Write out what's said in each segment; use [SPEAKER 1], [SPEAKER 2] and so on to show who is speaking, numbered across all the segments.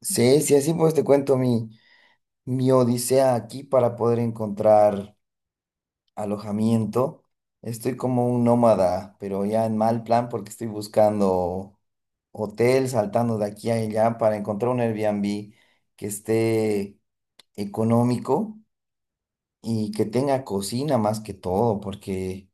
[SPEAKER 1] Sí, sí, así pues te cuento mi odisea aquí para poder encontrar alojamiento. Estoy como un nómada, pero ya en mal plan porque estoy buscando hotel, saltando de aquí a allá para encontrar un Airbnb que esté económico y que tenga cocina más que todo, porque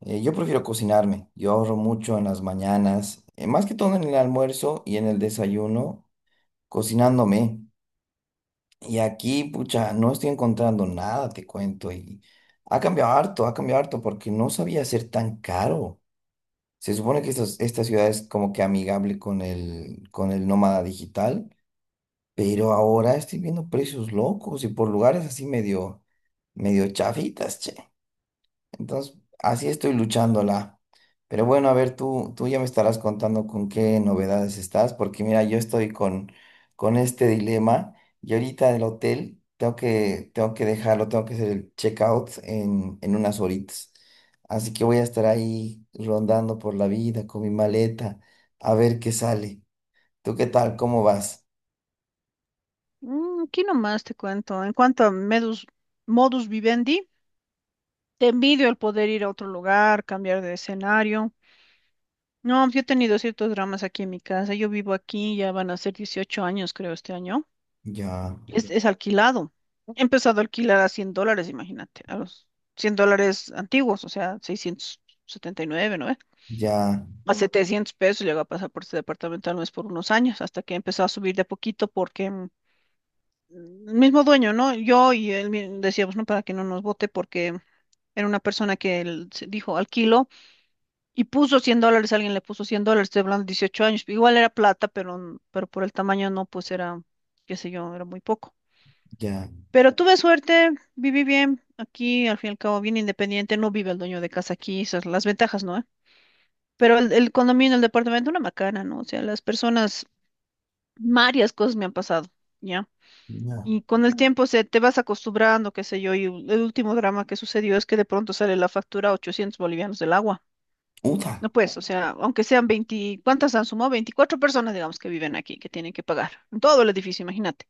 [SPEAKER 1] yo prefiero cocinarme. Yo ahorro mucho en las mañanas, más que todo en el almuerzo y en el desayuno, cocinándome. Y aquí, pucha, no estoy encontrando nada, te cuento. Y ha cambiado harto porque no sabía ser tan caro. Se supone que esta ciudad es como que amigable con el nómada digital, pero ahora estoy viendo precios locos y por lugares así medio chafitas, che. Entonces, así estoy luchándola. Pero bueno, a ver, tú ya me estarás contando con qué novedades estás, porque mira, yo estoy con este dilema y ahorita en el hotel tengo que dejarlo, tengo que hacer el checkout en unas horitas. Así que voy a estar ahí rondando por la vida con mi maleta, a ver qué sale. ¿Tú qué tal? ¿Cómo vas?
[SPEAKER 2] Aquí nomás te cuento. En cuanto a modus vivendi, te envidio el poder ir a otro lugar, cambiar de escenario. No, yo he tenido ciertos dramas aquí en mi casa. Yo vivo aquí, ya van a ser 18 años, creo, este año.
[SPEAKER 1] Ya,
[SPEAKER 2] Es alquilado. He empezado a alquilar a $100, imagínate, a los $100 antiguos, o sea, 679, ¿no? ¿Ve?
[SPEAKER 1] ya,
[SPEAKER 2] A 700 pesos llegó a pasar por este departamento al mes por unos años, hasta que empezó a subir de a poquito porque mismo dueño, ¿no? Yo y él decíamos, ¿no? Para que no nos vote porque era una persona que él dijo alquilo y puso $100, alguien le puso $100, estoy hablando de 18 años, igual era plata, pero por el tamaño no, pues era, qué sé yo, era muy poco.
[SPEAKER 1] ya,
[SPEAKER 2] Pero tuve suerte, viví bien aquí, al fin y al cabo, bien independiente, no vive el dueño de casa aquí, esas las ventajas, ¿no? ¿Eh? Pero el condominio, el departamento, una macana, ¿no? O sea, las personas, varias cosas me han pasado, ¿ya?
[SPEAKER 1] ya.
[SPEAKER 2] Y con el tiempo te vas acostumbrando, qué sé yo, y el último drama que sucedió es que de pronto sale la factura a 800 bolivianos del agua.
[SPEAKER 1] Uta,
[SPEAKER 2] No pues, o sea, aunque sean 20, ¿cuántas han sumado? 24 personas, digamos, que viven aquí, que tienen que pagar. En todo el edificio, imagínate.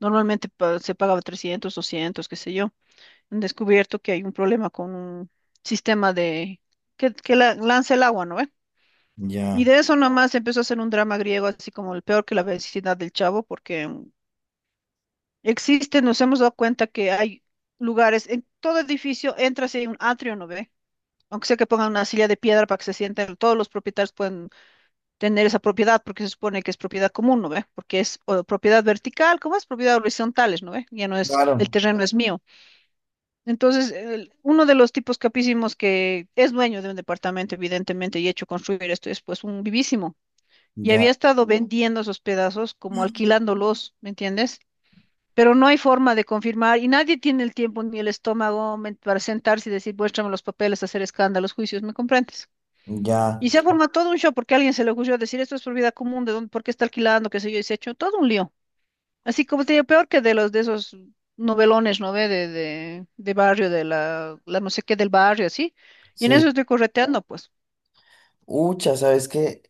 [SPEAKER 2] Normalmente se pagaba 300, 200, qué sé yo. Han descubierto que hay un problema con un sistema de que lanza el agua, ¿no ve? Y
[SPEAKER 1] ya.
[SPEAKER 2] de eso nomás empezó a hacer un drama griego, así como el peor que la vecindad del Chavo, porque existe, nos hemos dado cuenta que hay lugares, en todo edificio entras y hay un atrio, ¿no ve? Aunque sea que pongan una silla de piedra para que se sienten, todos los propietarios pueden tener esa propiedad porque se supone que es propiedad común, ¿no ve? Porque es o propiedad vertical, como es propiedad horizontales, ¿no ve? Ya no es, el
[SPEAKER 1] Claro,
[SPEAKER 2] terreno es mío. Entonces, uno de los tipos capísimos que es dueño de un departamento, evidentemente, y hecho construir esto es pues un vivísimo. Y había
[SPEAKER 1] ya,
[SPEAKER 2] estado vendiendo esos pedazos como alquilándolos, ¿me entiendes? Pero no hay forma de confirmar y nadie tiene el tiempo ni el estómago para sentarse y decir, muéstrame los papeles, hacer escándalos, juicios, ¿me comprendes?
[SPEAKER 1] ya,
[SPEAKER 2] Y se ha formado todo un show porque a alguien se le ocurrió decir, esto es propiedad común, ¿de dónde, por qué está alquilando, qué sé yo, y se ha hecho todo un lío. Así como te digo, peor que de los de esos novelones, ¿no ve? De barrio, de la no sé qué del barrio, así. Y en
[SPEAKER 1] sí.
[SPEAKER 2] eso estoy correteando, pues.
[SPEAKER 1] Ucha, ¿sabes qué?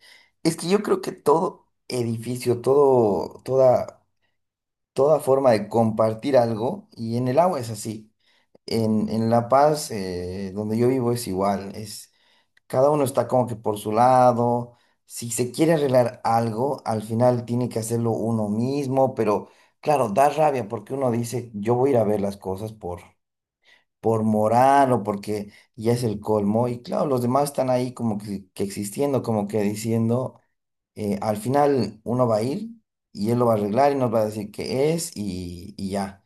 [SPEAKER 1] Es que yo creo que todo edificio, todo, toda, toda forma de compartir algo, y en el agua es así. En La Paz, donde yo vivo, es igual. Cada uno está como que por su lado. Si se quiere arreglar algo, al final tiene que hacerlo uno mismo, pero claro, da rabia porque uno dice, yo voy a ir a ver las cosas por moral o porque ya es el colmo. Y claro, los demás están ahí como que existiendo, como que diciendo, al final uno va a ir y él lo va a arreglar y nos va a decir qué es y ya.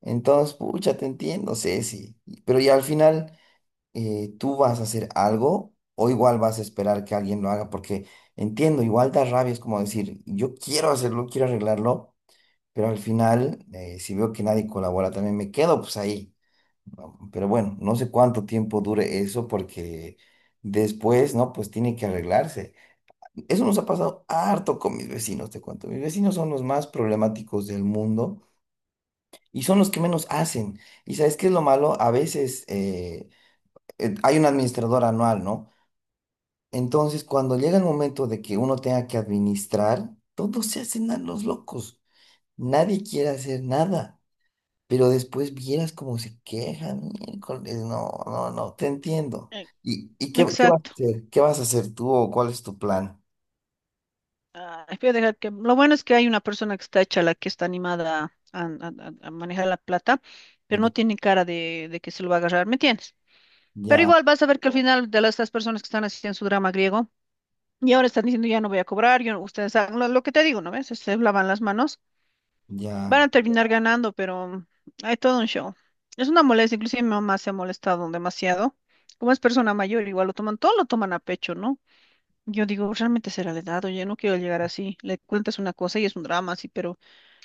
[SPEAKER 1] Entonces, pucha, te entiendo, Ceci. Pero ya al final tú vas a hacer algo o igual vas a esperar que alguien lo haga porque entiendo, igual da rabia, es como decir, yo quiero hacerlo, quiero arreglarlo. Pero al final, si veo que nadie colabora, también me quedo pues ahí. Pero bueno, no sé cuánto tiempo dure eso porque después, ¿no? Pues tiene que arreglarse. Eso nos ha pasado harto con mis vecinos, te cuento. Mis vecinos son los más problemáticos del mundo y son los que menos hacen. ¿Y sabes qué es lo malo? A veces hay un administrador anual, ¿no? Entonces, cuando llega el momento de que uno tenga que administrar, todos se hacen a los locos. Nadie quiere hacer nada. Pero después vieras cómo se quejan, miércoles, no, no, no, te entiendo.
[SPEAKER 2] Eh,
[SPEAKER 1] ¿Y qué vas a
[SPEAKER 2] Exacto.
[SPEAKER 1] hacer? ¿Qué vas a hacer tú o cuál es tu plan?
[SPEAKER 2] Ah, voy dejar que, lo bueno es que hay una persona que está hecha la que está animada a manejar la plata, pero no
[SPEAKER 1] Ya,
[SPEAKER 2] tiene cara de que se lo va a agarrar, ¿me entiendes? Pero
[SPEAKER 1] ya,
[SPEAKER 2] igual vas a ver que al final de estas personas que están haciendo su drama griego y ahora están diciendo ya no voy a cobrar, yo, no- ustedes hagan lo que te digo, ¿no ves? Se lavan las manos,
[SPEAKER 1] ya,
[SPEAKER 2] van a terminar ganando, pero hay todo un show. Es una molestia, inclusive mi mamá se ha molestado demasiado. Como es persona mayor, igual lo toman, todo lo toman a pecho, ¿no? Yo digo, realmente será la edad, oye, no quiero llegar así. Le cuentas una cosa y es un drama, sí, pero,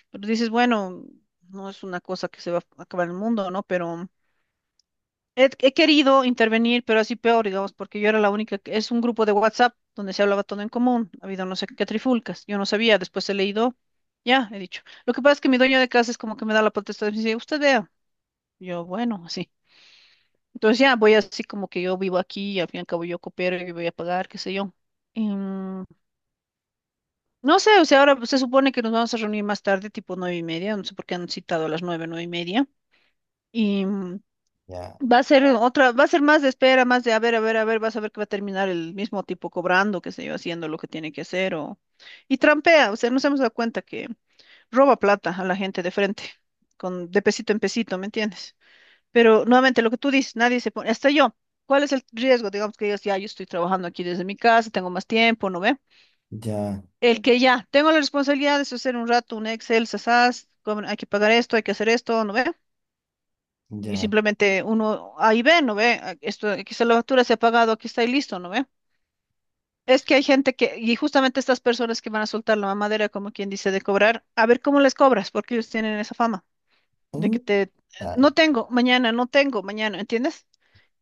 [SPEAKER 2] pero dices, bueno, no es una cosa que se va a acabar el mundo, ¿no? Pero he querido intervenir, pero así peor, digamos, porque yo era la única, es un grupo de WhatsApp donde se hablaba todo en común, ha habido no sé qué trifulcas, yo no sabía, después he leído, ya, he dicho. Lo que pasa es que mi dueño de casa es como que me da la potestad y me dice, usted vea, yo, bueno, así. Entonces ya voy así como que yo vivo aquí y al fin y al cabo yo coopero y voy a pagar, qué sé yo. Em, No sé, o sea, ahora se supone que nos vamos a reunir más tarde, tipo 9:30, no sé por qué han citado a las nueve, nueve y media. Y
[SPEAKER 1] ya,
[SPEAKER 2] va a ser otra, va a ser más de espera, más de a ver, a ver, a ver, vas a ver que va a terminar el mismo tipo cobrando, qué sé yo, haciendo lo que tiene que hacer o. Y trampea, o sea, nos hemos dado cuenta que roba plata a la gente de frente, con de pesito en pesito, ¿me entiendes? Pero nuevamente lo que tú dices, nadie se pone, hasta yo. ¿Cuál es el riesgo? Digamos que digas, ya, yo estoy trabajando aquí desde mi casa, tengo más tiempo, ¿no ve?
[SPEAKER 1] ya,
[SPEAKER 2] El que ya, tengo la responsabilidad de hacer un rato un Excel, sasas, hay que pagar esto, hay que hacer esto, ¿no ve? Y
[SPEAKER 1] ya.
[SPEAKER 2] simplemente uno ahí ve, ¿no ve? Ah, esto, aquí está la factura, se ha pagado, aquí está y listo, ¿no ve? Es que hay gente que, y justamente estas personas que van a soltar la mamadera, como quien dice, de cobrar, a ver cómo les cobras, porque ellos tienen esa fama de que
[SPEAKER 1] Mm, ah,
[SPEAKER 2] no tengo, mañana, no tengo, mañana, ¿entiendes?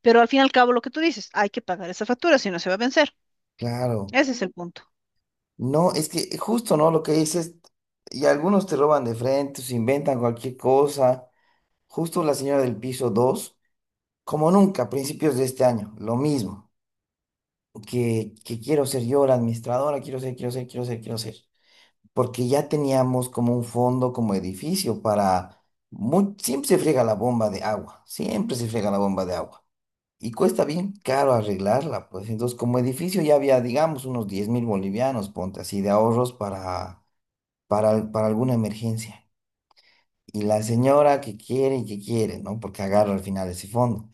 [SPEAKER 2] Pero al fin y al cabo lo que tú dices, hay que pagar esa factura, si no se va a vencer.
[SPEAKER 1] claro.
[SPEAKER 2] Ese es el punto.
[SPEAKER 1] No, es que justo, ¿no? Lo que dices, y algunos te roban de frente, se inventan cualquier cosa. Justo la señora del piso 2 como nunca, a principios de este año, lo mismo. Que quiero ser yo la administradora, quiero ser, quiero ser, quiero ser, quiero ser. Porque ya teníamos como un fondo, como edificio para... siempre se friega la bomba de agua, siempre se friega la bomba de agua. Y cuesta bien caro arreglarla, pues entonces como edificio ya había, digamos, unos 10.000 bolivianos, ponte así, de ahorros para, para alguna emergencia. Y la señora que quiere y que quiere, ¿no? Porque agarra al final ese fondo.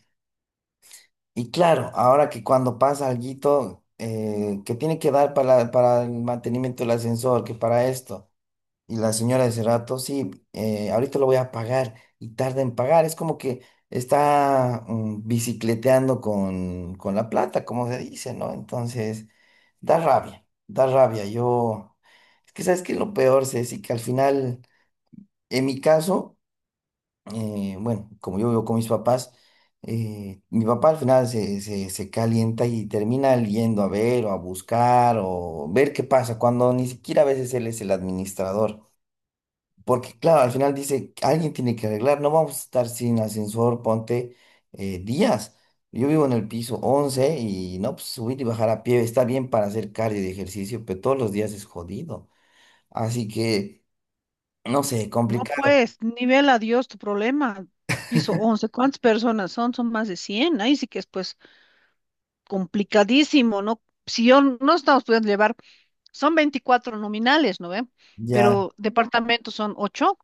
[SPEAKER 1] Y claro, ahora que cuando pasa alguito que tiene que dar para el mantenimiento del ascensor, que para esto. Y la señora de ese rato, sí, ahorita lo voy a pagar y tarda en pagar. Es como que está bicicleteando con la plata, como se dice, ¿no? Entonces, da rabia, da rabia. Yo, es que sabes que lo peor, Ceci, que al final, en mi caso, bueno, como yo vivo con mis papás, mi papá al final se calienta y termina yendo a ver o a buscar o ver qué pasa, cuando ni siquiera a veces él es el administrador. Porque, claro, al final dice, alguien tiene que arreglar, no vamos a estar sin ascensor, ponte días. Yo vivo en el piso 11 y no, pues subir y bajar a pie está bien para hacer cardio y ejercicio, pero todos los días es jodido. Así que, no sé,
[SPEAKER 2] No,
[SPEAKER 1] complicado.
[SPEAKER 2] pues, nivel adiós tu problema. Piso 11, ¿cuántas personas son? Son más de cien. Ahí sí que es, pues, complicadísimo, ¿no? Si yo no estamos pudiendo llevar, son 24 nominales, ¿no ve?
[SPEAKER 1] Ya,
[SPEAKER 2] Pero departamentos son 8,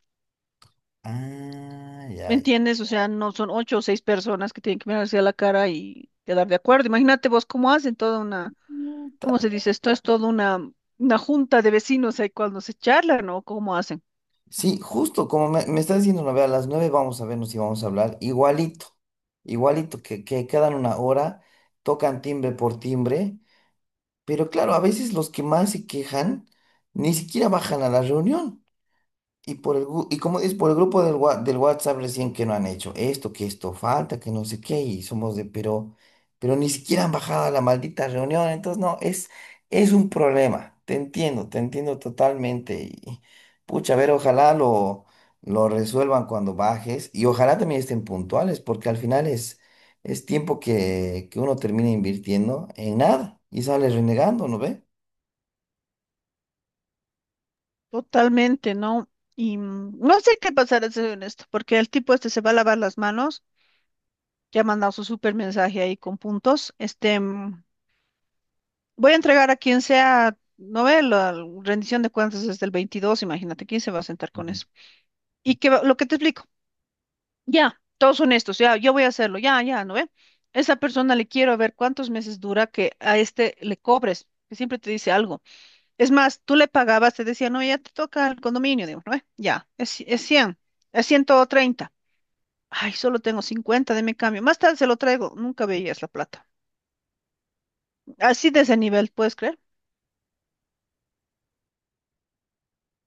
[SPEAKER 1] ah,
[SPEAKER 2] ¿me
[SPEAKER 1] ya, ya.
[SPEAKER 2] entiendes? O sea, no son ocho o 6 personas que tienen que mirarse a la cara y quedar de acuerdo. Imagínate vos cómo hacen toda una,
[SPEAKER 1] Puta.
[SPEAKER 2] ¿cómo se dice? Esto es toda una junta de vecinos ahí cuando se charlan, ¿no? ¿Cómo hacen?
[SPEAKER 1] Sí, justo como me estás diciendo, no, ve, a las 9 vamos a vernos y vamos a hablar igualito, igualito, que quedan una hora, tocan timbre por timbre. Pero claro, a veces los que más se quejan ni siquiera bajan a la reunión. Y por y como dices, por el grupo del WhatsApp recién que no han hecho esto, que esto falta, que no sé qué, y somos de, pero ni siquiera han bajado a la maldita reunión, entonces no, es, un problema, te entiendo totalmente, y pucha, a ver, ojalá lo resuelvan cuando bajes, y ojalá también estén puntuales, porque al final es, tiempo que uno termina invirtiendo en nada, y sale renegando, ¿no ve?
[SPEAKER 2] Totalmente, ¿no? Y no sé qué pasará, soy honesto, porque el tipo este se va a lavar las manos, ya ha mandado su super mensaje ahí con puntos. Este, voy a entregar a quien sea, no ve la rendición de cuentas desde el 22. Imagínate, ¿quién se va a sentar con eso? Y lo que te explico, ya, todos honestos, ya, yo voy a hacerlo, ya, ya, ¿no ve? Esa persona le quiero ver cuántos meses dura que a este le cobres, que siempre te dice algo. Es más, tú le pagabas, te decía, no, ya te toca el condominio, digo, no, ya, es 100, es 130. Ay, solo tengo 50, de mi cambio. Más tarde se lo traigo, nunca veías la plata. Así de ese nivel, ¿puedes creer?